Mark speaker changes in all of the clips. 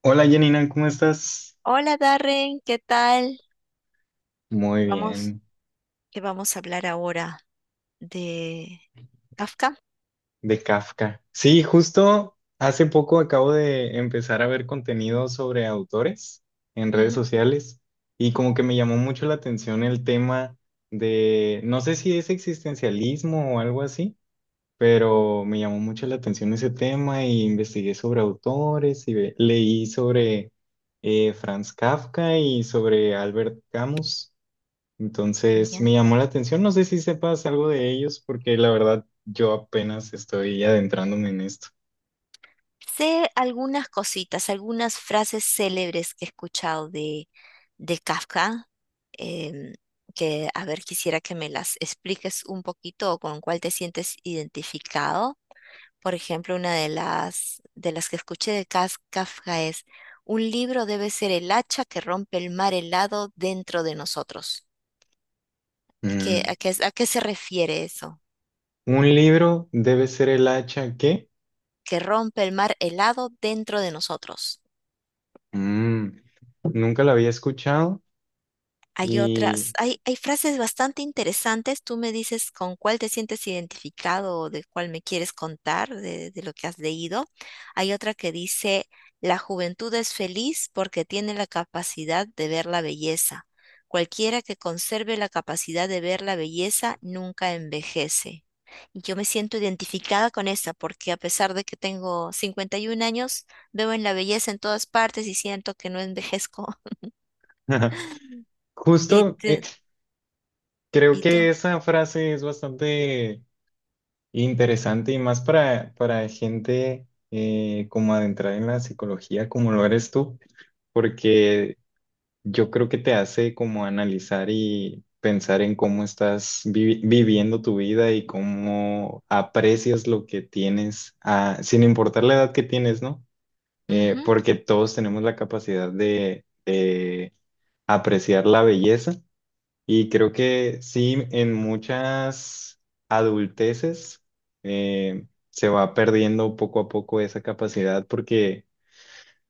Speaker 1: Hola Janina, ¿cómo estás?
Speaker 2: Hola Darren, ¿qué tal?
Speaker 1: Muy
Speaker 2: Vamos,
Speaker 1: bien,
Speaker 2: que vamos a hablar ahora de Kafka.
Speaker 1: de Kafka. Sí, justo hace poco acabo de empezar a ver contenido sobre autores en redes
Speaker 2: Ujú,
Speaker 1: sociales y como que me llamó mucho la atención el tema de, no sé si es existencialismo o algo así, pero me llamó mucho la atención ese tema y investigué sobre autores y leí sobre Franz Kafka y sobre Albert Camus. Entonces
Speaker 2: ya.
Speaker 1: me llamó la atención, no sé si sepas algo de ellos, porque la verdad yo apenas estoy adentrándome en esto.
Speaker 2: Sé algunas cositas, algunas frases célebres que he escuchado de Kafka, em, que a ver, quisiera que me las expliques un poquito o con cuál te sientes identificado. Por ejemplo, una de de las que escuché de Kafka es, un libro debe ser el hacha que rompe el mar helado dentro de nosotros. Es que,
Speaker 1: Mm,
Speaker 2: ¿a a qué se refiere eso?
Speaker 1: Un libro debe ser el hacha que
Speaker 2: Que rompe el mar helado dentro de nosotros.
Speaker 1: Mm, nunca la había escuchado
Speaker 2: Hay otras,
Speaker 1: y
Speaker 2: hay frases bastante interesantes. Tú me dices con cuál te sientes identificado o de cuál me quieres contar de lo que has leído. Hay otra que dice, la juventud es feliz porque tiene la capacidad de ver la belleza. Cualquiera que conserve la capacidad de ver la belleza nunca envejece. Y yo me siento identificada con esa porque a pesar de que tengo 51 años, veo en la belleza en todas partes y siento que no envejezco. ¿Y,
Speaker 1: justo creo
Speaker 2: y
Speaker 1: que
Speaker 2: tú?
Speaker 1: esa frase es bastante interesante y más para gente como adentrada en la psicología como lo eres tú, porque yo creo que te hace como analizar y pensar en cómo estás viviendo tu vida y cómo aprecias lo que tienes, ah, sin importar la edad que tienes, ¿no?
Speaker 2: Ujú.
Speaker 1: Porque todos tenemos la capacidad de apreciar la belleza y creo que sí, en muchas adulteces se va perdiendo poco a poco esa capacidad porque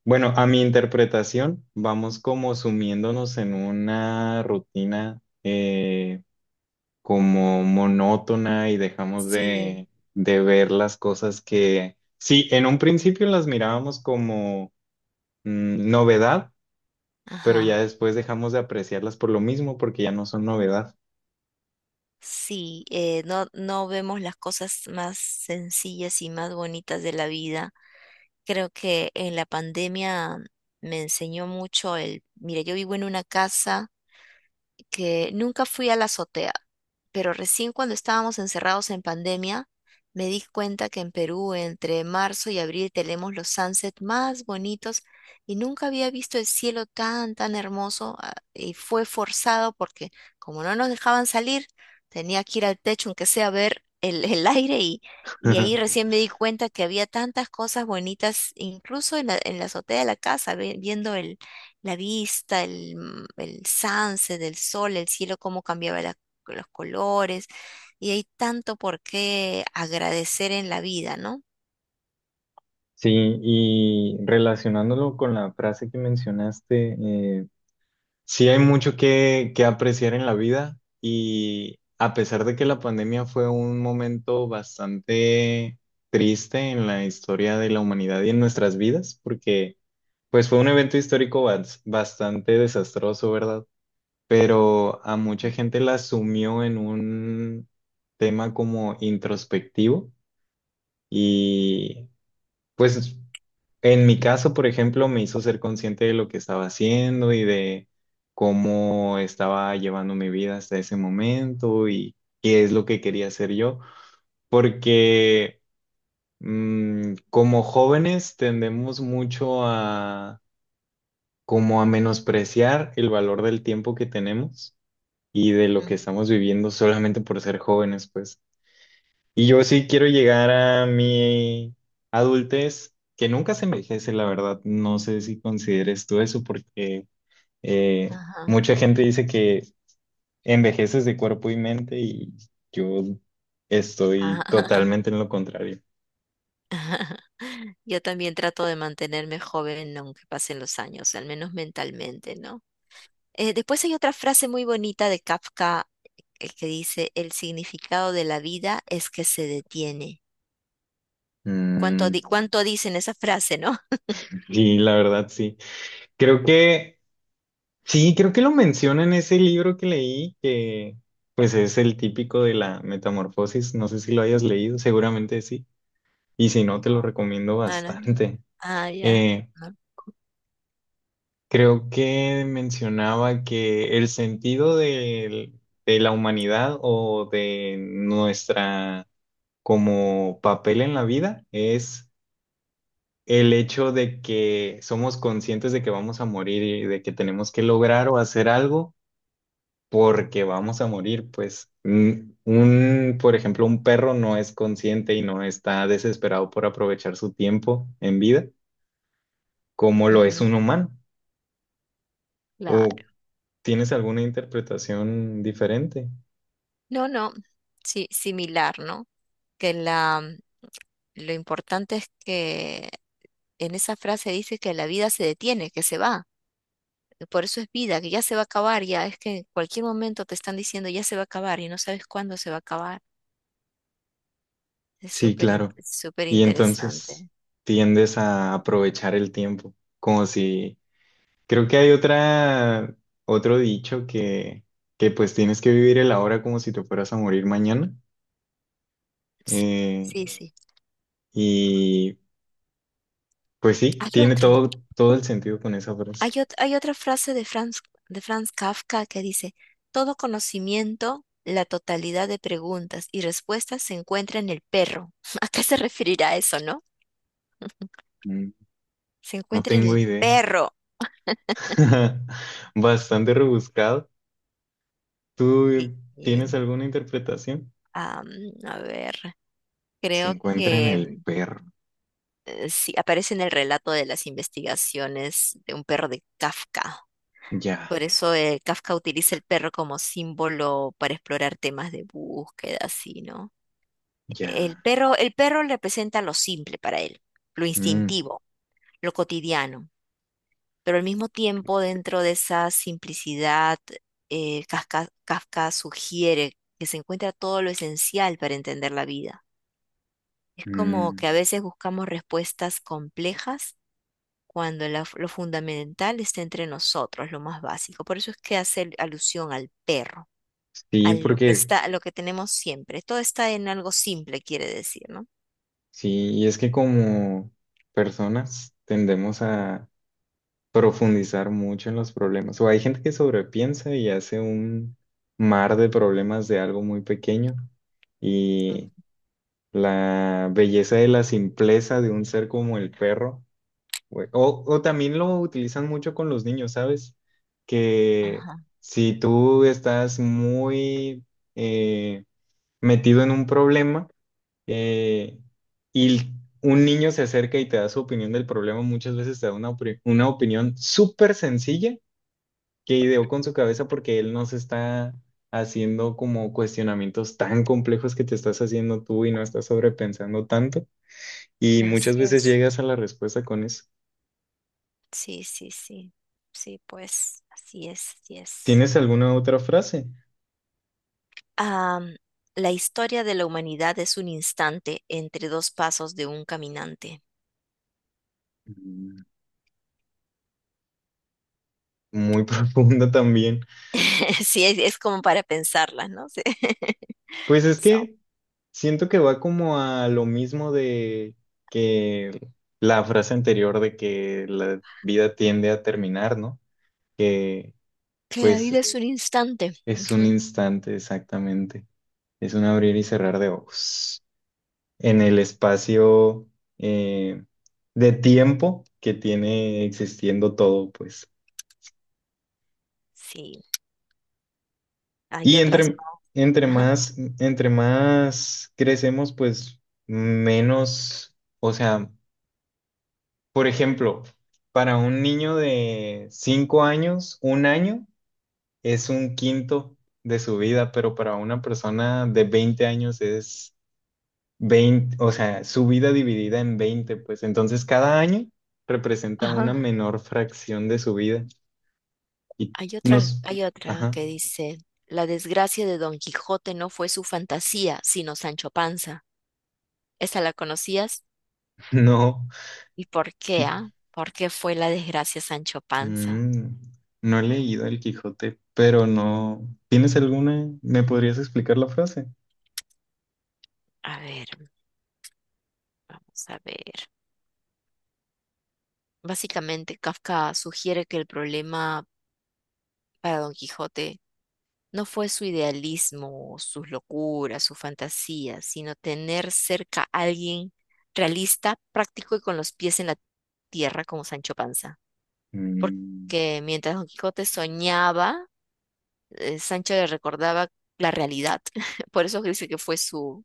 Speaker 1: bueno, a mi interpretación, vamos como sumiéndonos en una rutina como monótona y dejamos
Speaker 2: Sí,
Speaker 1: de ver las cosas que, sí, en un principio las mirábamos como novedad, pero ya
Speaker 2: ajá.
Speaker 1: después dejamos de apreciarlas por lo mismo porque ya no son novedad.
Speaker 2: Sí, no vemos las cosas más sencillas y más bonitas de la vida. Creo que en la pandemia me enseñó mucho el, mira, yo vivo en una casa que nunca fui a la azotea, pero recién cuando estábamos encerrados en pandemia, me di cuenta que en Perú entre marzo y abril tenemos los sunsets más bonitos y nunca había visto el cielo tan, tan hermoso ah, y fue forzado porque como no nos dejaban salir, tenía que ir al techo, aunque sea a ver el aire y ahí recién me di cuenta que había tantas cosas bonitas, incluso en en la azotea de la casa, viendo el la vista, el sunset del sol, el cielo, cómo cambiaba los colores. Y hay tanto por qué agradecer en la vida, ¿no?
Speaker 1: Sí, y relacionándolo con la frase que mencionaste, sí, hay mucho que apreciar en la vida y a pesar de que la pandemia fue un momento bastante triste en la historia de la humanidad y en nuestras vidas, porque pues fue un evento histórico bastante desastroso, ¿verdad? Pero a mucha gente la asumió en un tema como introspectivo y pues en mi caso, por ejemplo, me hizo ser consciente de lo que estaba haciendo y de cómo estaba llevando mi vida hasta ese momento y qué es lo que quería hacer yo, porque como jóvenes tendemos mucho a como a menospreciar el valor del tiempo que tenemos y de lo que
Speaker 2: Mm.
Speaker 1: estamos viviendo solamente por ser jóvenes, pues. Y yo sí quiero llegar a mi adultez, que nunca se envejece, la verdad. No sé si consideres tú eso, porque eh,
Speaker 2: Ajá.
Speaker 1: mucha gente dice que envejeces de cuerpo y mente, y yo estoy totalmente en lo contrario.
Speaker 2: Yo también trato de mantenerme joven aunque pasen los años, al menos mentalmente, ¿no? Después hay otra frase muy bonita de Kafka, el que dice, el significado de la vida es que se detiene. ¿Cuánto,
Speaker 1: Mm,
Speaker 2: cuánto dicen esa frase, no?
Speaker 1: sí, la verdad, sí. Creo que, sí, creo que lo menciona en ese libro que leí, que pues es el típico de la metamorfosis. No sé si lo hayas leído, seguramente sí. Y si no, te lo recomiendo
Speaker 2: No, no.
Speaker 1: bastante.
Speaker 2: Ah, ya.
Speaker 1: Eh,
Speaker 2: No.
Speaker 1: creo que mencionaba que el sentido de la humanidad o de nuestra como papel en la vida es el hecho de que somos conscientes de que vamos a morir y de que tenemos que lograr o hacer algo porque vamos a morir. Pues mm, un, por ejemplo, un perro no es consciente y no está desesperado por aprovechar su tiempo en vida como lo es
Speaker 2: Ujú.
Speaker 1: un humano. O
Speaker 2: Claro.
Speaker 1: ¿tienes alguna interpretación diferente?
Speaker 2: No, no, sí, similar, ¿no? Que lo importante es que en esa frase dice que la vida se detiene, que se va. Por eso es vida, que ya se va a acabar, ya es que en cualquier momento te están diciendo ya se va a acabar y no sabes cuándo se va a acabar. Es
Speaker 1: Sí, claro.
Speaker 2: súper
Speaker 1: Y entonces
Speaker 2: interesante.
Speaker 1: tiendes a aprovechar el tiempo, como si... Creo que hay otra, otro dicho que pues tienes que vivir el ahora como si te fueras a morir mañana.
Speaker 2: Sí,
Speaker 1: Eh,
Speaker 2: sí, sí.
Speaker 1: y pues sí,
Speaker 2: Hay
Speaker 1: tiene
Speaker 2: otro,
Speaker 1: todo, todo el sentido con esa frase.
Speaker 2: hay otra frase de Franz Kafka que dice, todo conocimiento, la totalidad de preguntas y respuestas se encuentra en el perro. ¿A qué se referirá eso, no?
Speaker 1: Mm,
Speaker 2: Se
Speaker 1: no
Speaker 2: encuentra en
Speaker 1: tengo
Speaker 2: el
Speaker 1: idea.
Speaker 2: perro.
Speaker 1: Bastante rebuscado.
Speaker 2: Y-
Speaker 1: ¿Tú tienes
Speaker 2: y,
Speaker 1: alguna interpretación?
Speaker 2: am, a ver,
Speaker 1: Se
Speaker 2: creo
Speaker 1: encuentra en
Speaker 2: que
Speaker 1: el perro.
Speaker 2: sí, aparece en el relato de las investigaciones de un perro de Kafka.
Speaker 1: Ya,
Speaker 2: Por eso Kafka utiliza el perro como símbolo para explorar temas de búsqueda, así, ¿no?
Speaker 1: ya.
Speaker 2: El perro representa lo simple para él, lo
Speaker 1: Mm,
Speaker 2: instintivo, lo cotidiano, pero al mismo tiempo dentro de esa simplicidad, Kafka sugiere que se encuentra todo lo esencial para entender la vida. Es como
Speaker 1: mm.
Speaker 2: que a veces buscamos respuestas complejas cuando lo fundamental está entre nosotros, lo más básico. Por eso es que hace alusión al perro, a
Speaker 1: Sí,
Speaker 2: lo que
Speaker 1: porque
Speaker 2: está, a lo que tenemos siempre. Todo está en algo simple, quiere decir, ¿no?
Speaker 1: sí, y es que como personas tendemos a profundizar mucho en los problemas. O hay gente que sobrepiensa y hace un mar de problemas de algo muy pequeño. Y
Speaker 2: Mm.
Speaker 1: la belleza de la simpleza de un ser como el perro. O también lo utilizan mucho con los niños, ¿sabes? Que
Speaker 2: Ajá,
Speaker 1: si tú estás muy... eh, metido en un problema eh, y un niño se acerca y te da su opinión del problema, muchas veces te da una, una opinión súper sencilla que ideó con su cabeza porque él no se está haciendo como cuestionamientos tan complejos que te estás haciendo tú y no estás sobrepensando tanto. Y
Speaker 2: así
Speaker 1: muchas veces
Speaker 2: es.
Speaker 1: llegas a la respuesta con eso.
Speaker 2: Sí, sí, sí. Sí, pues así es, así es.
Speaker 1: ¿Tienes alguna otra frase?
Speaker 2: Am, la historia de la humanidad es un instante entre dos pasos de un caminante.
Speaker 1: Mm, muy profunda también.
Speaker 2: Sí, es como para pensarla, ¿no? Sí.
Speaker 1: Pues es
Speaker 2: So,
Speaker 1: que... Siento que va como a lo mismo de que la frase anterior de que la vida tiende a terminar, ¿no? Que
Speaker 2: que la vida
Speaker 1: pues
Speaker 2: es un instante.
Speaker 1: es un
Speaker 2: Ujú.
Speaker 1: instante exactamente, es un abrir y cerrar de ojos en el espacio eh, de tiempo que tiene existiendo todo, pues.
Speaker 2: Sí, hay
Speaker 1: Y
Speaker 2: otras.
Speaker 1: entre,
Speaker 2: Ajá,
Speaker 1: entre más crecemos, pues menos, o sea, por ejemplo, para un niño de 5 años, un año es un quinto de su vida, pero para una persona de 20 años es 20, o sea, su vida dividida en 20, pues entonces cada año representa una
Speaker 2: ajá.
Speaker 1: menor fracción de su vida. Y nos...
Speaker 2: Hay otra
Speaker 1: Ajá,
Speaker 2: que dice, la desgracia de Don Quijote no fue su fantasía, sino Sancho Panza. ¿Esa la conocías?
Speaker 1: no.
Speaker 2: ¿Y por qué, ah? ¿Por qué fue la desgracia Sancho Panza?
Speaker 1: Mm, no he leído El Quijote, pero no. ¿Tienes alguna? ¿Me podrías explicar la frase?
Speaker 2: A ver, vamos a ver. Básicamente, Kafka sugiere que el problema para Don Quijote no fue su idealismo, sus locuras, sus fantasías, sino tener cerca a alguien realista, práctico y con los pies en la tierra como Sancho Panza.
Speaker 1: Mm,
Speaker 2: Porque mientras Don Quijote soñaba, Sancho le recordaba la realidad. Por eso dice que fue su,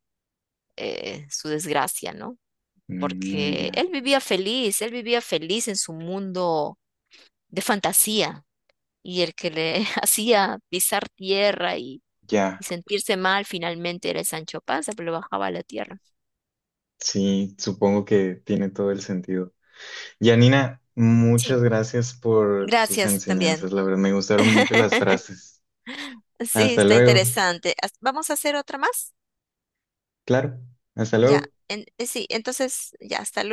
Speaker 2: eh, su desgracia, ¿no?
Speaker 1: mm,
Speaker 2: Porque
Speaker 1: ya,
Speaker 2: él vivía feliz en su mundo de fantasía y el que le hacía pisar tierra y
Speaker 1: ya.
Speaker 2: sentirse mal finalmente era el Sancho Panza, pero lo bajaba a la tierra.
Speaker 1: Sí, supongo que tiene todo el sentido. Yanina, muchas
Speaker 2: Sí,
Speaker 1: gracias por tus
Speaker 2: gracias
Speaker 1: enseñanzas,
Speaker 2: también.
Speaker 1: la verdad, me gustaron mucho las frases.
Speaker 2: Sí,
Speaker 1: Hasta
Speaker 2: está
Speaker 1: luego.
Speaker 2: interesante. ¿Vamos a hacer otra más?
Speaker 1: Claro, hasta
Speaker 2: Ya,
Speaker 1: luego.
Speaker 2: sí, entonces ya, hasta luego.